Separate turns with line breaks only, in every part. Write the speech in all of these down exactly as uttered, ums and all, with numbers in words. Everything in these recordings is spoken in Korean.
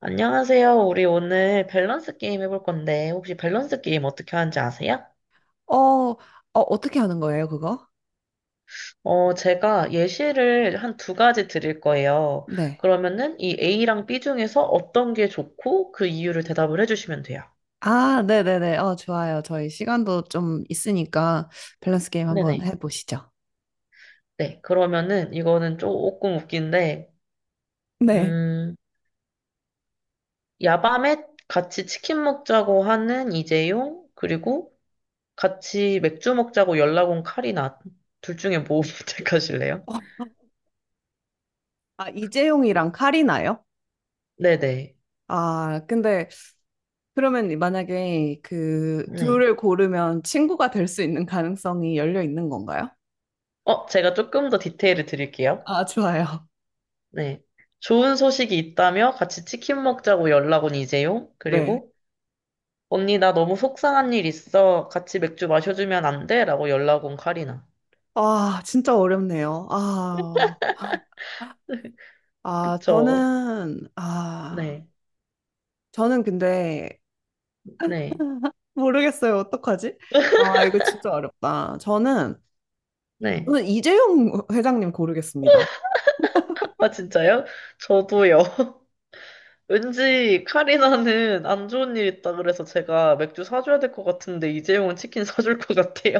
안녕하세요. 우리 오늘 밸런스 게임 해볼 건데, 혹시 밸런스 게임 어떻게 하는지 아세요?
어, 어, 어떻게 하는 거예요, 그거?
어, 제가 예시를 한 두 가지 드릴 거예요.
네.
그러면은 이 A랑 B 중에서 어떤 게 좋고 그 이유를 대답을 해주시면 돼요.
아, 네네네. 어, 좋아요. 저희 시간도 좀 있으니까 밸런스 게임 한번
네네.
해보시죠.
네. 그러면은 이거는 조금 웃긴데,
네.
음, 야밤에 같이 치킨 먹자고 하는 이재용, 그리고 같이 맥주 먹자고 연락 온 카리나, 둘 중에 뭐 선택하실래요?
어, 아,
어,
이재용이랑 카리나요?
네네.
아, 근데 그러면 만약에 그
네.
둘을 고르면 친구가 될 수 있는 가능성이 열려 있는 건가요?
어, 제가 조금 더 디테일을 드릴게요.
아, 좋아요.
네. 좋은 소식이 있다며 같이 치킨 먹자고 연락 온 이재용.
네.
그리고 언니 나 너무 속상한 일 있어. 같이 맥주 마셔주면 안 돼? 라고 연락 온 카리나.
아, 진짜 어렵네요. 아, 아,
그쵸.
저는, 아,
네.
저는 근데
네.
모르겠어요. 어떡하지? 와, 이거 진짜 어렵다. 저는,
네.
저는 이재용 회장님 고르겠습니다.
아, 진짜요? 저도요. 왠지 카리나는 안 좋은 일 있다 그래서 제가 맥주 사줘야 될 것 같은데 이재용은 치킨 사줄 것 같아요.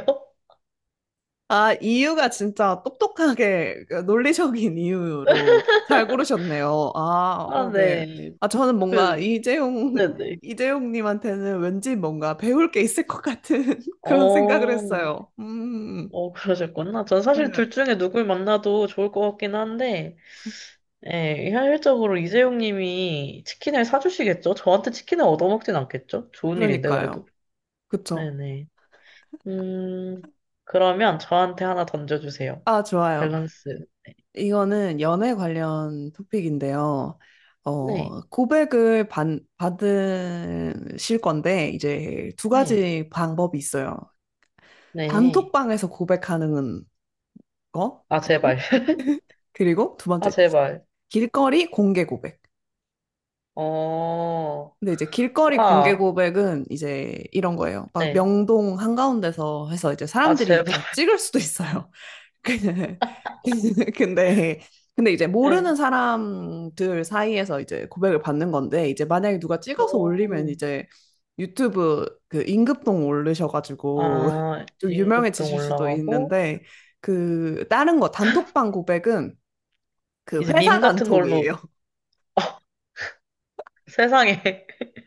아, 이유가 진짜 똑똑하게 그 논리적인 이유로 잘 고르셨네요. 아,
아,
어, 네.
네.
아, 저는 뭔가
그,
이재용,
네네.
이재용님한테는 왠지 뭔가 배울 게 있을 것 같은 그런 생각을
어,
했어요. 음,
어, 그러셨구나. 전 사실
네.
둘 중에 누굴 만나도 좋을 것 같긴 한데, 예, 현실적으로 이재용 님이 치킨을 사주시겠죠? 저한테 치킨을 얻어먹진 않겠죠? 좋은 일인데,
그러니까요.
그래도.
그쵸.
네네. 음, 그러면 저한테 하나 던져주세요.
아, 좋아요.
밸런스.
이거는 연애 관련 토픽인데요.
네,
어, 고백을 받, 받으실 건데, 이제 두
네,
가지 방법이 있어요.
네.
단톡방에서 고백하는 거,
아,
그리고,
제발.
그리고 두
아,
번째,
제발.
길거리 공개 고백.
어,
근데 이제 길거리 공개
와,
고백은 이제 이런 거예요. 막
네.
명동 한가운데서 해서 이제
아,
사람들이
제발.
다 찍을 수도 있어요. 근데 근데 근데 이제
네.
모르는 사람들 사이에서 이제 고백을 받는 건데 이제 만약에 누가 찍어서 올리면
오,
이제 유튜브 그임급동 올르셔가지고
아,
좀
임금동
유명해지실 수도
올라가고,
있는데 그 다른 거 단톡방 고백은 그
이제
회사
밈 같은 걸로.
단톡이에요.
세상에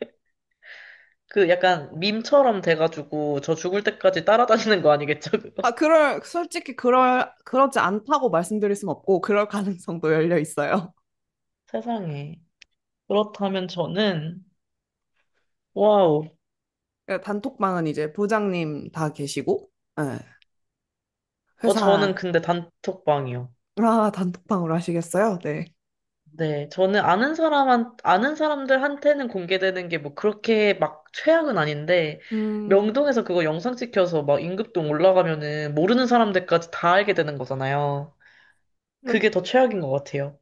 그 약간 밈처럼 돼가지고 저 죽을 때까지 따라다니는 거 아니겠죠, 그거?
아, 그럴 솔직히 그럴 그렇지 않다고 말씀드릴 순 없고 그럴 가능성도 열려 있어요.
세상에. 그렇다면 저는 와우.
단톡방은 이제 부장님 다 계시고 예,
어 저는
회사,
근데 단톡방이요.
아, 단톡방으로 하시겠어요? 네.
네, 저는 아는 사람한 아는 사람들한테는 공개되는 게 뭐 그렇게 막 최악은 아닌데
음,
명동에서 그거 영상 찍혀서 막 임금동 올라가면은 모르는 사람들까지 다 알게 되는 거잖아요.
그럼
그게 더 최악인 것 같아요.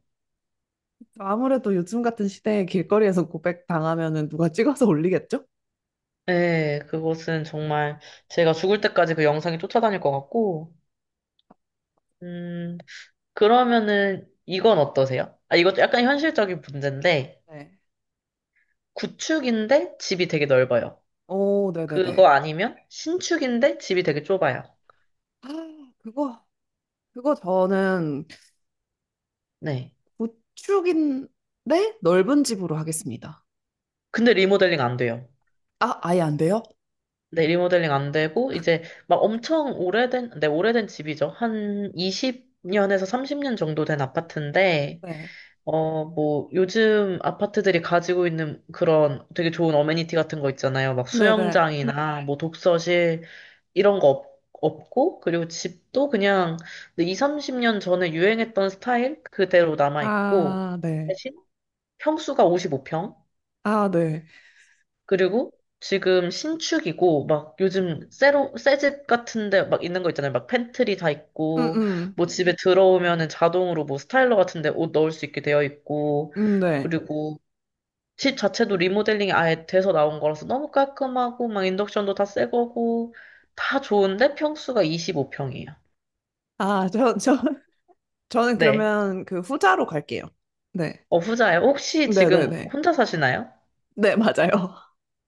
아무래도 요즘 같은 시대에 길거리에서 고백 당하면은 누가 찍어서 올리겠죠?
네, 그것은 정말 제가 죽을 때까지 그 영상이 쫓아다닐 것 같고. 음, 그러면은 이건 어떠세요? 아, 이것도 약간 현실적인 문제인데,
네.
구축인데 집이 되게 넓어요.
오,
그거
네네네.
아니면 신축인데 집이 되게 좁아요.
아, 그거, 그거 저는
네.
구축인데 넓은 집으로 하겠습니다.
근데 리모델링 안 돼요.
아, 아예 안 돼요?
네, 리모델링 안 되고, 이제 막 엄청 오래된, 네, 오래된 집이죠. 한 이십 년에서 삼십 년 정도 된 아파트인데,
네.
어, 뭐, 요즘 아파트들이 가지고 있는 그런 되게 좋은 어메니티 같은 거 있잖아요. 막
네네.
수영장이나 뭐 독서실 이런 거 없, 없고, 그리고 집도 그냥 이십, 삼십 년 전에 유행했던 스타일 그대로 남아있고,
아, 네.
대신 평수가 오십오 평,
아, 네.
그리고 지금 신축이고, 막 요즘 새로, 새집 같은데 막 있는 거 있잖아요. 막 팬트리 다
음,
있고,
음.
뭐 집에 들어오면은 자동으로 뭐 스타일러 같은데 옷 넣을 수 있게 되어 있고,
음, 네.
그리고 집 자체도 리모델링이 아예 돼서 나온 거라서 너무 깔끔하고 막 인덕션도 다 새 거고 다 좋은데 평수가 이십오 평이에요.
아, 저, 저, 저는
네.
그러면 그 후자로 갈게요. 네.
어, 후자예요. 혹시 지금
네네네.
혼자 사시나요?
네, 맞아요.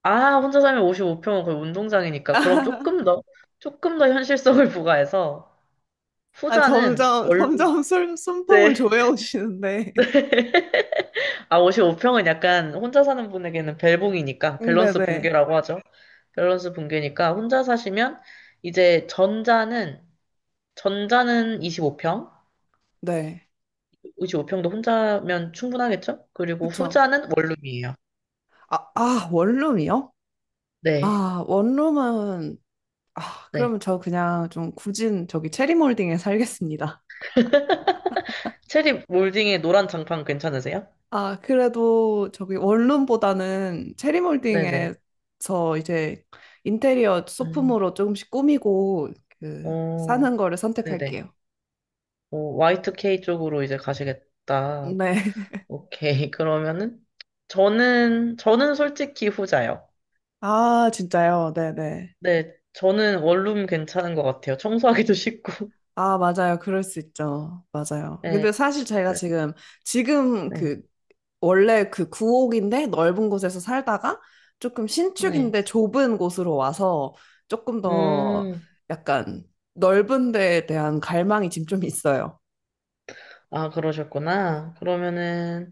아, 혼자 살면 오십오 평은 거의 운동장이니까 그럼 조금 더 조금 더 현실성을 부과해서
아,
후자는
점점,
원룸.
점점 술, 숨통을
네.
조여오시는데.
아, 오십오 평은 약간 혼자 사는 분에게는 벨붕이니까 밸런스
네네.
붕괴라고 하죠. 밸런스 붕괴니까 혼자 사시면 이제 전자는 전자는 이십오 평.
네.
오십오 평도 혼자면 충분하겠죠? 그리고
그쵸.
후자는 원룸이에요.
아, 아, 원룸이요?
네,
아, 원룸은, 아,
네.
그러면 저 그냥 좀 굳은 저기 체리몰딩에 살겠습니다.
체리 몰딩의 노란 장판 괜찮으세요?
아, 그래도 저기 원룸보다는
네네.
체리몰딩에서 이제 인테리어
음,
소품으로 조금씩 꾸미고 그
오,
사는 거를
네네.
선택할게요.
오, 와이 투 케이 쪽으로 이제 가시겠다.
네.
오케이. 그러면은, 저는, 저는 솔직히 후자요.
아, 진짜요? 네네.
네, 저는 원룸 괜찮은 것 같아요. 청소하기도 쉽고.
아, 맞아요. 그럴 수 있죠. 맞아요.
네,
근데 사실 저희가
그래,
지금, 지금
네,
그, 원래 그 구옥인데 넓은 곳에서 살다가 조금
네.
신축인데 좁은 곳으로 와서 조금 더
음,
약간 넓은 데에 대한 갈망이 지금 좀 있어요.
아, 그러셨구나. 그러면은,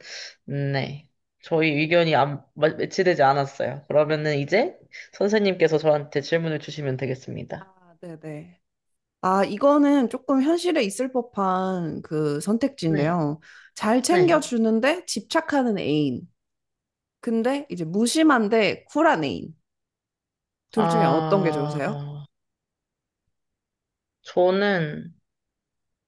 음, 네. 저희 의견이 안, 마- 매치되지 않았어요. 그러면은 이제 선생님께서 저한테 질문을 주시면 되겠습니다.
아, 네네. 아, 이거는 조금 현실에 있을 법한 그
네,
선택지인데요. 잘
네.
챙겨주는데 집착하는 애인. 근데 이제 무심한데 쿨한 애인. 둘 중에 어떤 게
아,
좋으세요?
저는,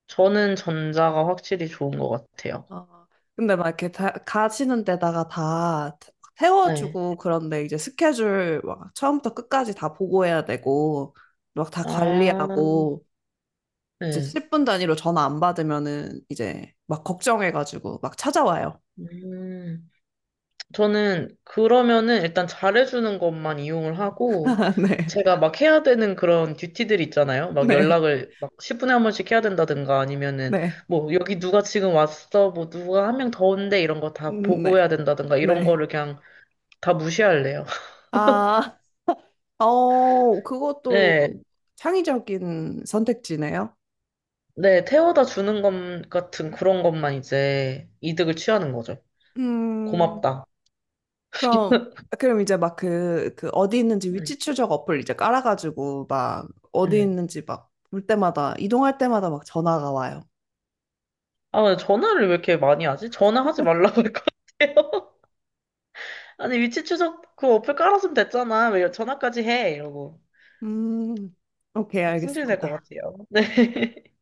저는 전자가 확실히 좋은 것 같아요.
어, 근데 막 이렇게 다, 가시는 데다가 다 태-
네.
태워주고 그런데 이제 스케줄 막 처음부터 끝까지 다 보고해야 되고 막 다
아,
관리하고 이제
네.
십 분 단위로 전화 안 받으면은 이제 막 걱정해가지고 막 찾아와요.
음. 저는 그러면은 일단 잘해주는 것만 이용을 하고,
네,
제가 막 해야 되는 그런 듀티들 있잖아요. 막
네,
연락을 막 십 분에 한 번씩 해야 된다든가 아니면은
네,
뭐 여기 누가 지금 왔어, 뭐 누가 한 명 더 온대 이런 거 다
음,
보고해야
네,
된다든가 이런
네.
거를 그냥 다 무시할래요.
아, 어, 그것도
네,
창의적인 선택지네요.
네, 태워다 주는 것 같은 그런 것만 이제 이득을 취하는 거죠.
음,
고맙다.
그럼 그럼 이제 막 그 그 어디 있는지
네.
위치 추적 어플 이제 깔아가지고 막 어디
네.
있는지 막 볼 때마다 이동할 때마다 막 전화가 와요.
아, 근데 전화를 왜 이렇게 많이 하지? 전화하지 말라고 할 것 같아요. 아니, 위치 추적 그 어플 깔았으면 됐잖아. 왜 전화까지 해? 이러고.
음, 오케이
승질 낼 것
알겠습니다.
같아요. 네.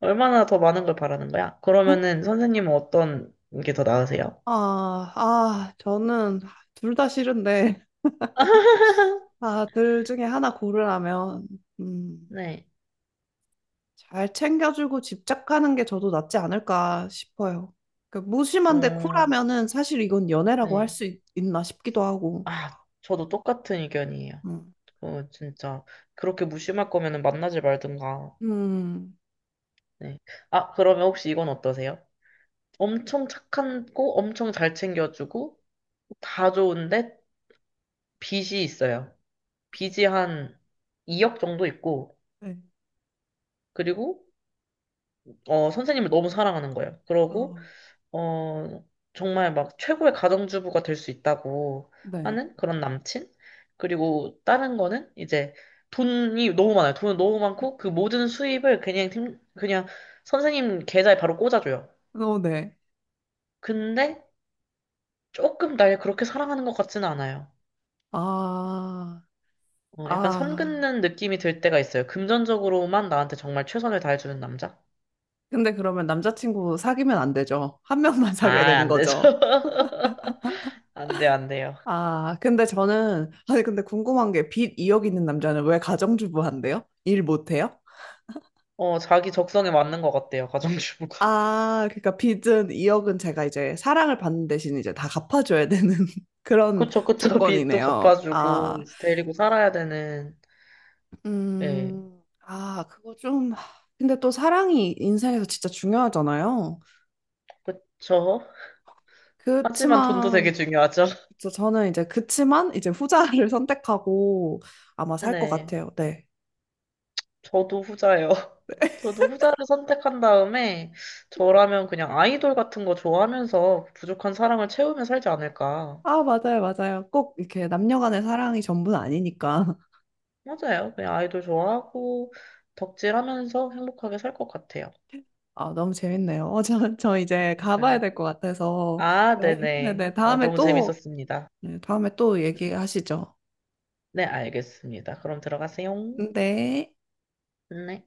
얼마나 더 많은 걸 바라는 거야? 그러면은 선생님은 어떤 게 더 나으세요?
아, 아, 저는 둘 다 싫은데, 아, 둘 중에 하나 고르라면, 음,
네.
잘 챙겨주고 집착하는 게 저도 낫지 않을까 싶어요. 그 무심한데
어,
쿨하면은 사실 이건 연애라고 할
네.
수 있나 싶기도 하고.
아, 저도 똑같은 의견이에요.
음,
어, 진짜. 그렇게 무심할 거면은 만나지 말든가.
음,
네. 아, 그러면 혹시 이건 어떠세요? 엄청 착한 고 엄청 잘 챙겨주고, 다 좋은데, 빚이 있어요. 빚이 한 이억 정도 있고,
네.
그리고, 어, 선생님을 너무 사랑하는 거예요. 그러고,
어,
어, 정말 막 최고의 가정주부가 될 수 있다고
네.
하는 그런 남친? 그리고 다른 거는 이제 돈이 너무 많아요. 돈은 너무 많고, 그 모든 수입을 그냥, 팀- 그냥 선생님 계좌에 바로 꽂아줘요.
어, 네.
근데 조금 날 그렇게 사랑하는 것 같지는 않아요.
아,
어, 약간 선
아.
긋는 느낌이 들 때가 있어요. 금전적으로만 나한테 정말 최선을 다해주는 남자?
근데 그러면 남자친구 사귀면 안 되죠. 한 명만
아,
사귀어야 되는
안 되죠.
거죠.
안 돼, 안 돼요.
아, 근데 저는, 아니, 근데 궁금한 게 빚 이 억 있는 남자는 왜 가정주부 한대요? 일 못해요?
어, 자기 적성에 맞는 것 같아요, 가정주부가.
아, 그러니까 빚은 이 억은 제가 이제 사랑을 받는 대신 이제 다 갚아줘야 되는 그런
그쵸, 그쵸. 빚도
조건이네요.
갚아주고,
아,
이제 데리고 살아야 되는, 예,
음, 아, 그거 좀. 근데 또 사랑이 인생에서 진짜 중요하잖아요.
그쵸. 하지만 돈도
그렇지만
되게 중요하죠.
저- 저는 이제 그치만 이제 후자를 선택하고 아마 살 것
네,
같아요. 네.
저도 후자예요. 저도 후자를 선택한 다음에, 저라면 그냥 아이돌 같은 거 좋아하면서 부족한 사랑을 채우며 살지 않을까.
아, 맞아요, 맞아요. 꼭 이렇게 남녀 간의 사랑이 전부는 아니니까.
맞아요. 그냥 아이돌 좋아하고, 덕질하면서 행복하게 살 것 같아요.
아, 너무 재밌네요. 어, 저, 저 이제 가봐야
그러니까요.
될 것 같아서.
아,
저희-
네네.
네네.
어,
다음에
너무
또,
재밌었습니다.
네, 다음에 또 얘기하시죠.
네, 알겠습니다. 그럼 들어가세요.
네.
네.